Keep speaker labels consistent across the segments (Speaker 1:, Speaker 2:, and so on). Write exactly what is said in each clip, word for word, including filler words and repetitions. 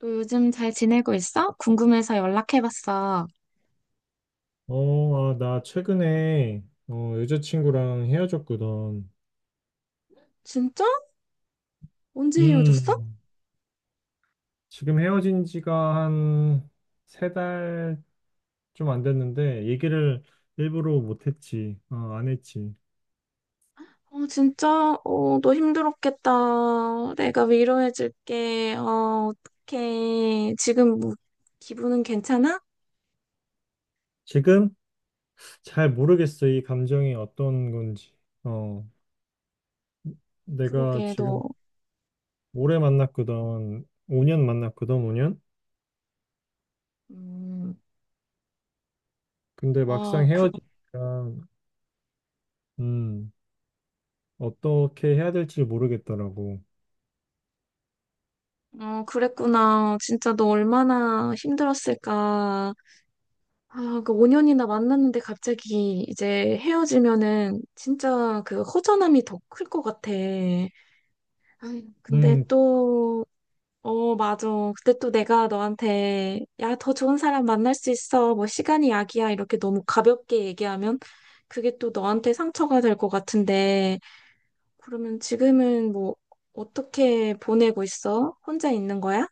Speaker 1: 너 요즘 잘 지내고 있어? 궁금해서 연락해봤어.
Speaker 2: 어, 아, 나 최근에 어, 여자친구랑 헤어졌거든.
Speaker 1: 진짜? 언제 헤어졌어?
Speaker 2: 음, 지금 헤어진 지가 한 세 달 좀 안 됐는데 얘기를 일부러 못 했지. 어, 안 했지.
Speaker 1: 어, 진짜? 어, 너 힘들었겠다. 내가 위로해줄게. 어, 어떡해. 지금 뭐, 기분은 괜찮아?
Speaker 2: 지금 잘 모르겠어, 이 감정이 어떤 건지. 어, 내가
Speaker 1: 그러게, 너.
Speaker 2: 지금 오래 만났거든. 오 년 만났거든, 오 년.
Speaker 1: 음,
Speaker 2: 근데 막상
Speaker 1: 아, 그,
Speaker 2: 헤어지니까 음, 어떻게 해야 될지 모르겠더라고.
Speaker 1: 어, 그랬구나. 진짜 너 얼마나 힘들었을까. 아, 그 오 년이나 만났는데 갑자기 이제 헤어지면은 진짜 그 허전함이 더 클 것 같아. 아유, 근데
Speaker 2: 음,
Speaker 1: 또, 어, 맞아. 그때 또 내가 너한테, 야, 더 좋은 사람 만날 수 있어. 뭐, 시간이 약이야. 이렇게 너무 가볍게 얘기하면, 그게 또 너한테 상처가 될 것 같은데, 그러면 지금은 뭐, 어떻게 보내고 있어? 혼자 있는 거야?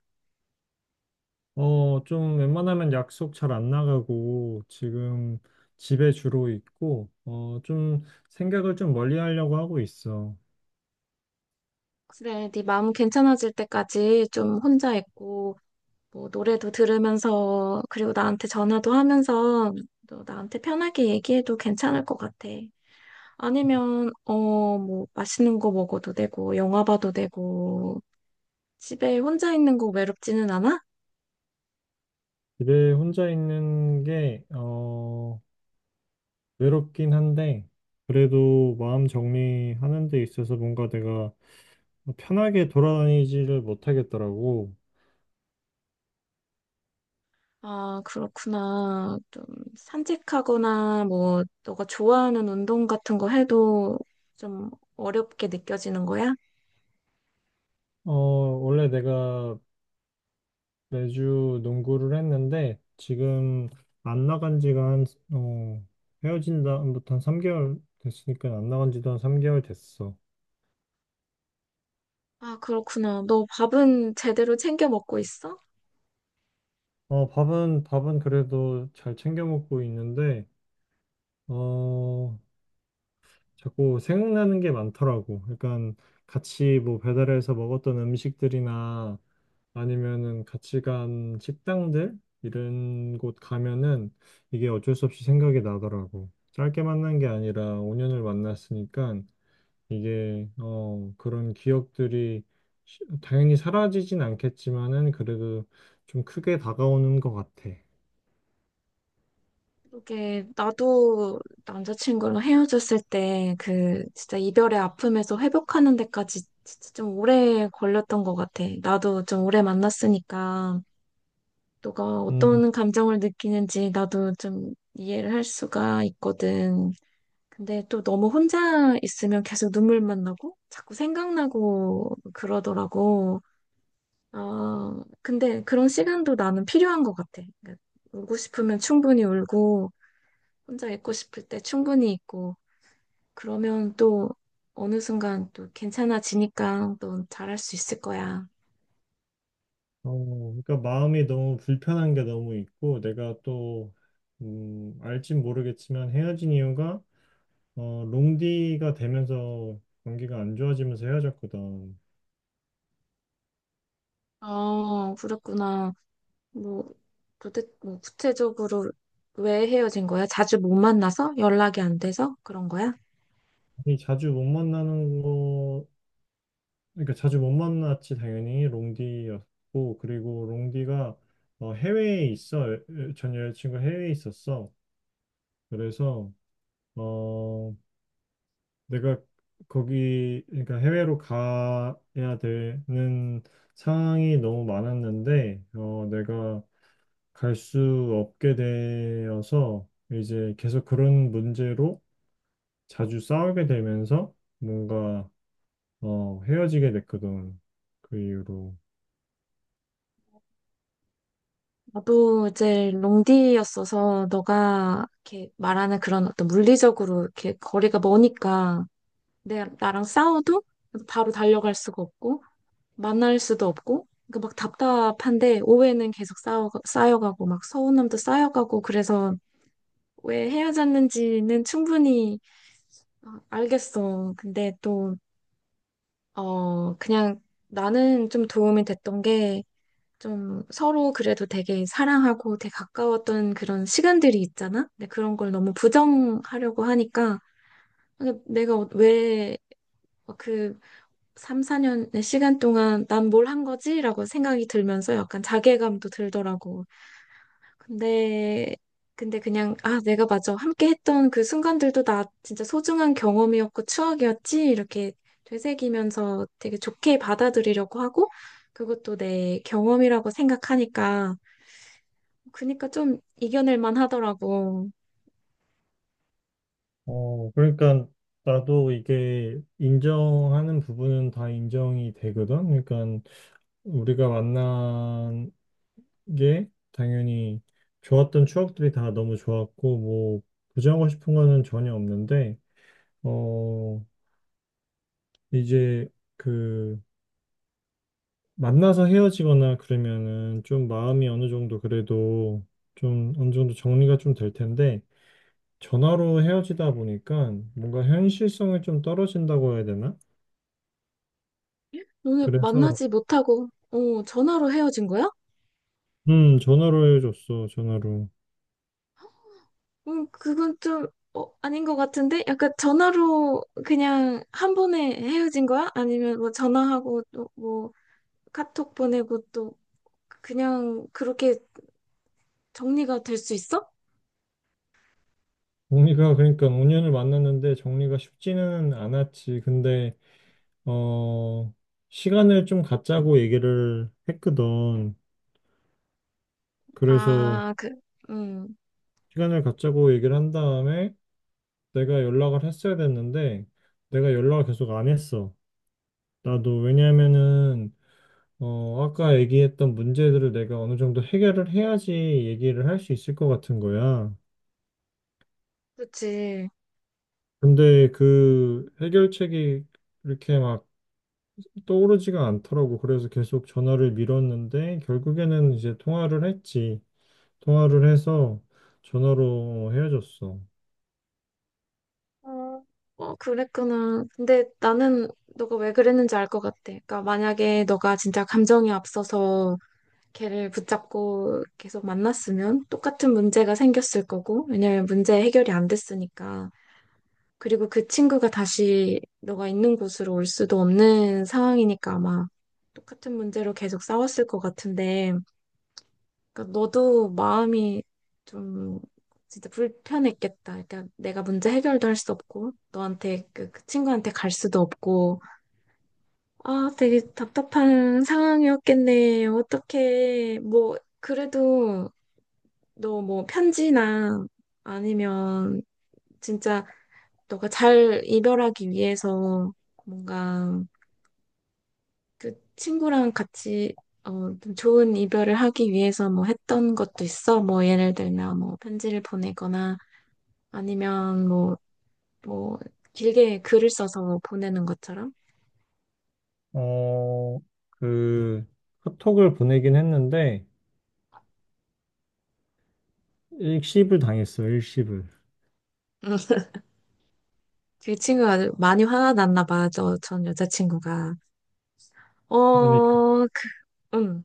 Speaker 2: 어, 좀 웬만하면 약속 잘 안 나가고 지금 집에 주로 있고, 어, 좀 생각을 좀 멀리 하려고 하고 있어.
Speaker 1: 그래, 네 마음 괜찮아질 때까지 좀 혼자 있고, 뭐, 노래도 들으면서, 그리고 나한테 전화도 하면서, 너 나한테 편하게 얘기해도 괜찮을 것 같아. 아니면, 어, 뭐, 맛있는 거 먹어도 되고, 영화 봐도 되고, 집에 혼자 있는 거 외롭지는 않아?
Speaker 2: 집에 혼자 있는 게 어, 외롭긴 한데, 그래도 마음 정리하는 데 있어서 뭔가 내가 편하게 돌아다니지를 못하겠더라고.
Speaker 1: 아, 그렇구나. 좀 산책하거나, 뭐, 너가 좋아하는 운동 같은 거 해도 좀 어렵게 느껴지는 거야?
Speaker 2: 어, 원래 내가 매주 농구를 했는데, 지금 안 나간 지가 한, 어, 헤어진 다음부터 한 삼 개월 됐으니까 안 나간 지도 한 삼 개월 됐어.
Speaker 1: 아, 그렇구나. 너 밥은 제대로 챙겨 먹고 있어?
Speaker 2: 어, 밥은, 밥은 그래도 잘 챙겨 먹고 있는데, 어, 자꾸 생각나는 게 많더라고. 그러니까 같이 뭐 배달해서 먹었던 음식들이나 아니면은 같이 간 식당들, 이런 곳 가면은 이게 어쩔 수 없이 생각이 나더라고. 짧게 만난 게 아니라 오 년을 만났으니까, 이게 어 그런 기억들이 시- 당연히 사라지진 않겠지만은 그래도 좀 크게 다가오는 것 같아.
Speaker 1: 그게 나도 남자친구랑 헤어졌을 때 그 진짜 이별의 아픔에서 회복하는 데까지 진짜 좀 오래 걸렸던 것 같아. 나도 좀 오래 만났으니까 너가
Speaker 2: 음,
Speaker 1: 어떤 감정을 느끼는지 나도 좀 이해를 할 수가 있거든. 근데 또 너무 혼자 있으면 계속 눈물만 나고 자꾸 생각나고 그러더라고. 아, 근데 그런 시간도 나는 필요한 것 같아. 그러니까 울고 싶으면 충분히 울고 혼자 있고 싶을 때 충분히 있고, 그러면 또 어느 순간 또 괜찮아지니까 또 잘할 수 있을 거야.
Speaker 2: 어, 그러니까 마음이 너무 불편한 게 너무 있고, 내가 또 음, 알진 모르겠지만, 헤어진 이유가 어, 롱디가 되면서 관계가 안 좋아지면서 헤어졌거든.
Speaker 1: 어, 그랬구나. 뭐, 도대, 뭐, 구체적으로 왜 헤어진 거야? 자주 못 만나서? 연락이 안 돼서? 그런 거야?
Speaker 2: 이 자주 못 만나는 그러니까 자주 못 만났지. 당연히 롱디였고, 그리고 롱디가 어, 해외에 있어. 여- 여- 전 여자친구 해외에 있었어. 그래서 어 내가 거기, 그러니까 해외로 가야 되는 상황이 너무 많았는데, 어 내가 갈 수 없게 되어서 이제 계속 그런 문제로 자주 싸우게 되면서, 뭔가 어 헤어지게 됐거든, 그 이후로.
Speaker 1: 나도 이제 롱디였어서 너가 이렇게 말하는 그런 어떤 물리적으로 이렇게 거리가 머니까 내, 나랑 싸워도 바로 달려갈 수가 없고, 만날 수도 없고, 그러니까 막 답답한데, 오해는 계속 쌓여, 쌓여가고, 막 서운함도 쌓여가고, 그래서 왜 헤어졌는지는 충분히 어, 알겠어. 근데 또, 어, 그냥 나는 좀 도움이 됐던 게, 좀 서로 그래도 되게 사랑하고 되게 가까웠던 그런 시간들이 있잖아? 근데 그런 걸 너무 부정하려고 하니까, 아, 내가 왜그 삼, 사 년의 시간 동안 난 뭘 한 거지? 라고 생각이 들면서 약간 자괴감도 들더라고. 근데, 근데 그냥, 아, 내가 맞아. 함께 했던 그 순간들도 나 진짜 소중한 경험이었고 추억이었지? 이렇게 되새기면서 되게 좋게 받아들이려고 하고, 그것도 내 경험이라고 생각하니까, 그니까 좀 이겨낼 만 하더라고.
Speaker 2: 어, 그러니까 나도 이게 인정하는 부분은 다 인정이 되거든. 그러니까 우리가 만난 게 당연히 좋았던 추억들이 다 너무 좋았고, 뭐 부정하고 싶은 거는 전혀 없는데, 어 이제 그 만나서 헤어지거나 그러면은 좀 마음이 어느 정도 그래도 좀 어느 정도 정리가 좀 될 텐데, 전화로 헤어지다 보니까 뭔가 현실성이 좀 떨어진다고 해야 되나?
Speaker 1: 오늘
Speaker 2: 그래서
Speaker 1: 만나지 못하고, 어, 전화로 헤어진 거야?
Speaker 2: 음, 전화로 해줬어, 전화로.
Speaker 1: 음, 그건 좀 어, 아닌 것 같은데? 약간 전화로 그냥 한 번에 헤어진 거야? 아니면 뭐 전화하고 또 뭐 카톡 보내고 또 그냥 그렇게 정리가 될 수 있어?
Speaker 2: 정리가, 그러니까 오 년을 만났는데 정리가 쉽지는 않았지. 근데, 어, 시간을 좀 갖자고 얘기를 했거든. 그래서
Speaker 1: 아, 그, 음,
Speaker 2: 시간을 갖자고 얘기를 한 다음에 내가 연락을 했어야 됐는데, 내가 연락을 계속 안 했어. 나도. 왜냐면은 어, 아까 얘기했던 문제들을 내가 어느 정도 해결을 해야지 얘기를 할 수 있을 것 같은 거야.
Speaker 1: 그치.
Speaker 2: 근데 그 해결책이 이렇게 막 떠오르지가 않더라고. 그래서 계속 전화를 미뤘는데 결국에는 이제 통화를 했지. 통화를 해서 전화로 헤어졌어.
Speaker 1: 어, 어, 그랬구나. 근데 나는 너가 왜 그랬는지 알 것 같아. 그러니까 만약에 너가 진짜 감정이 앞서서 걔를 붙잡고 계속 만났으면 똑같은 문제가 생겼을 거고, 왜냐면 문제 해결이 안 됐으니까. 그리고 그 친구가 다시 너가 있는 곳으로 올 수도 없는 상황이니까 아마 똑같은 문제로 계속 싸웠을 것 같은데, 그러니까 너도 마음이 좀 진짜 불편했겠다. 그러니까 내가 문제 해결도 할 수 없고, 너한테 그, 그 친구한테 갈 수도 없고, 아, 되게 답답한 상황이었겠네. 어떡해. 뭐, 그래도 너 뭐 편지나 아니면 진짜 너가 잘 이별하기 위해서 뭔가 그 친구랑 같이 어, 좀 좋은 이별을 하기 위해서 뭐 했던 것도 있어. 뭐 예를 들면 뭐 편지를 보내거나 아니면 뭐, 뭐 길게 글을 써서 보내는 것처럼.
Speaker 2: 어, 그 카톡을 보내긴 했는데 일십을 당했어, 일십을.
Speaker 1: 음. 그 친구가 많이 화났나 봐. 저 전 여자친구가.
Speaker 2: 그러니까
Speaker 1: 어, 그, 응.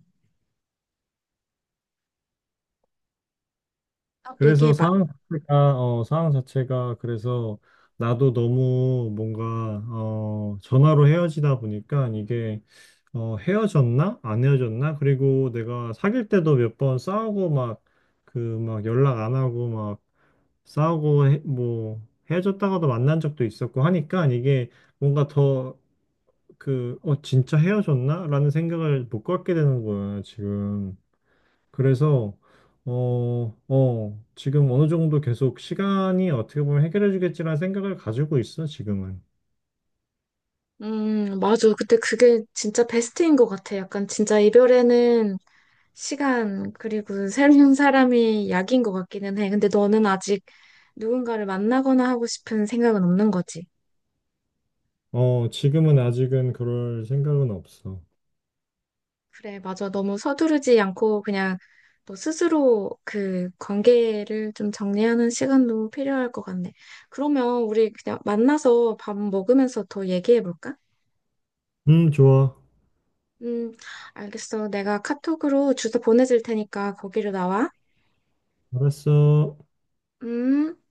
Speaker 1: 딱
Speaker 2: 그래서
Speaker 1: 얘기해봐.
Speaker 2: 상황 자체가, 어, 상황 자체가 그래서 나도 너무 뭔가, 어, 전화로 헤어지다 보니까 이게 어, 헤어졌나? 안 헤어졌나? 그리고 내가 사귈 때도 몇 번 싸우고 막, 그, 막 연락 안 하고 막 싸우고 해- 뭐 헤어졌다가도 만난 적도 있었고 하니까, 이게 뭔가 더 그, 어, 진짜 헤어졌나 라는 생각을 못 갖게 되는 거야, 지금. 그래서, 어, 어, 지금 어느 정도 계속 시간이 어떻게 보면 해결해 주겠지라는 생각을 가지고 있어, 지금은.
Speaker 1: 음, 맞아. 근데 그게 진짜 베스트인 것 같아. 약간 진짜 이별에는 시간, 그리고 새로운 사람이 약인 것 같기는 해. 근데 너는 아직 누군가를 만나거나 하고 싶은 생각은 없는 거지.
Speaker 2: 어, 지금은 아직은 그럴 생각은 없어.
Speaker 1: 그래, 맞아. 너무 서두르지 않고 그냥 너 스스로 그 관계를 좀 정리하는 시간도 필요할 것 같네. 그러면 우리 그냥 만나서 밥 먹으면서 더 얘기해 볼까?
Speaker 2: 음, 좋아.
Speaker 1: 음, 알겠어. 내가 카톡으로 주소 보내줄 테니까 거기로 나와.
Speaker 2: 알았어.
Speaker 1: 음.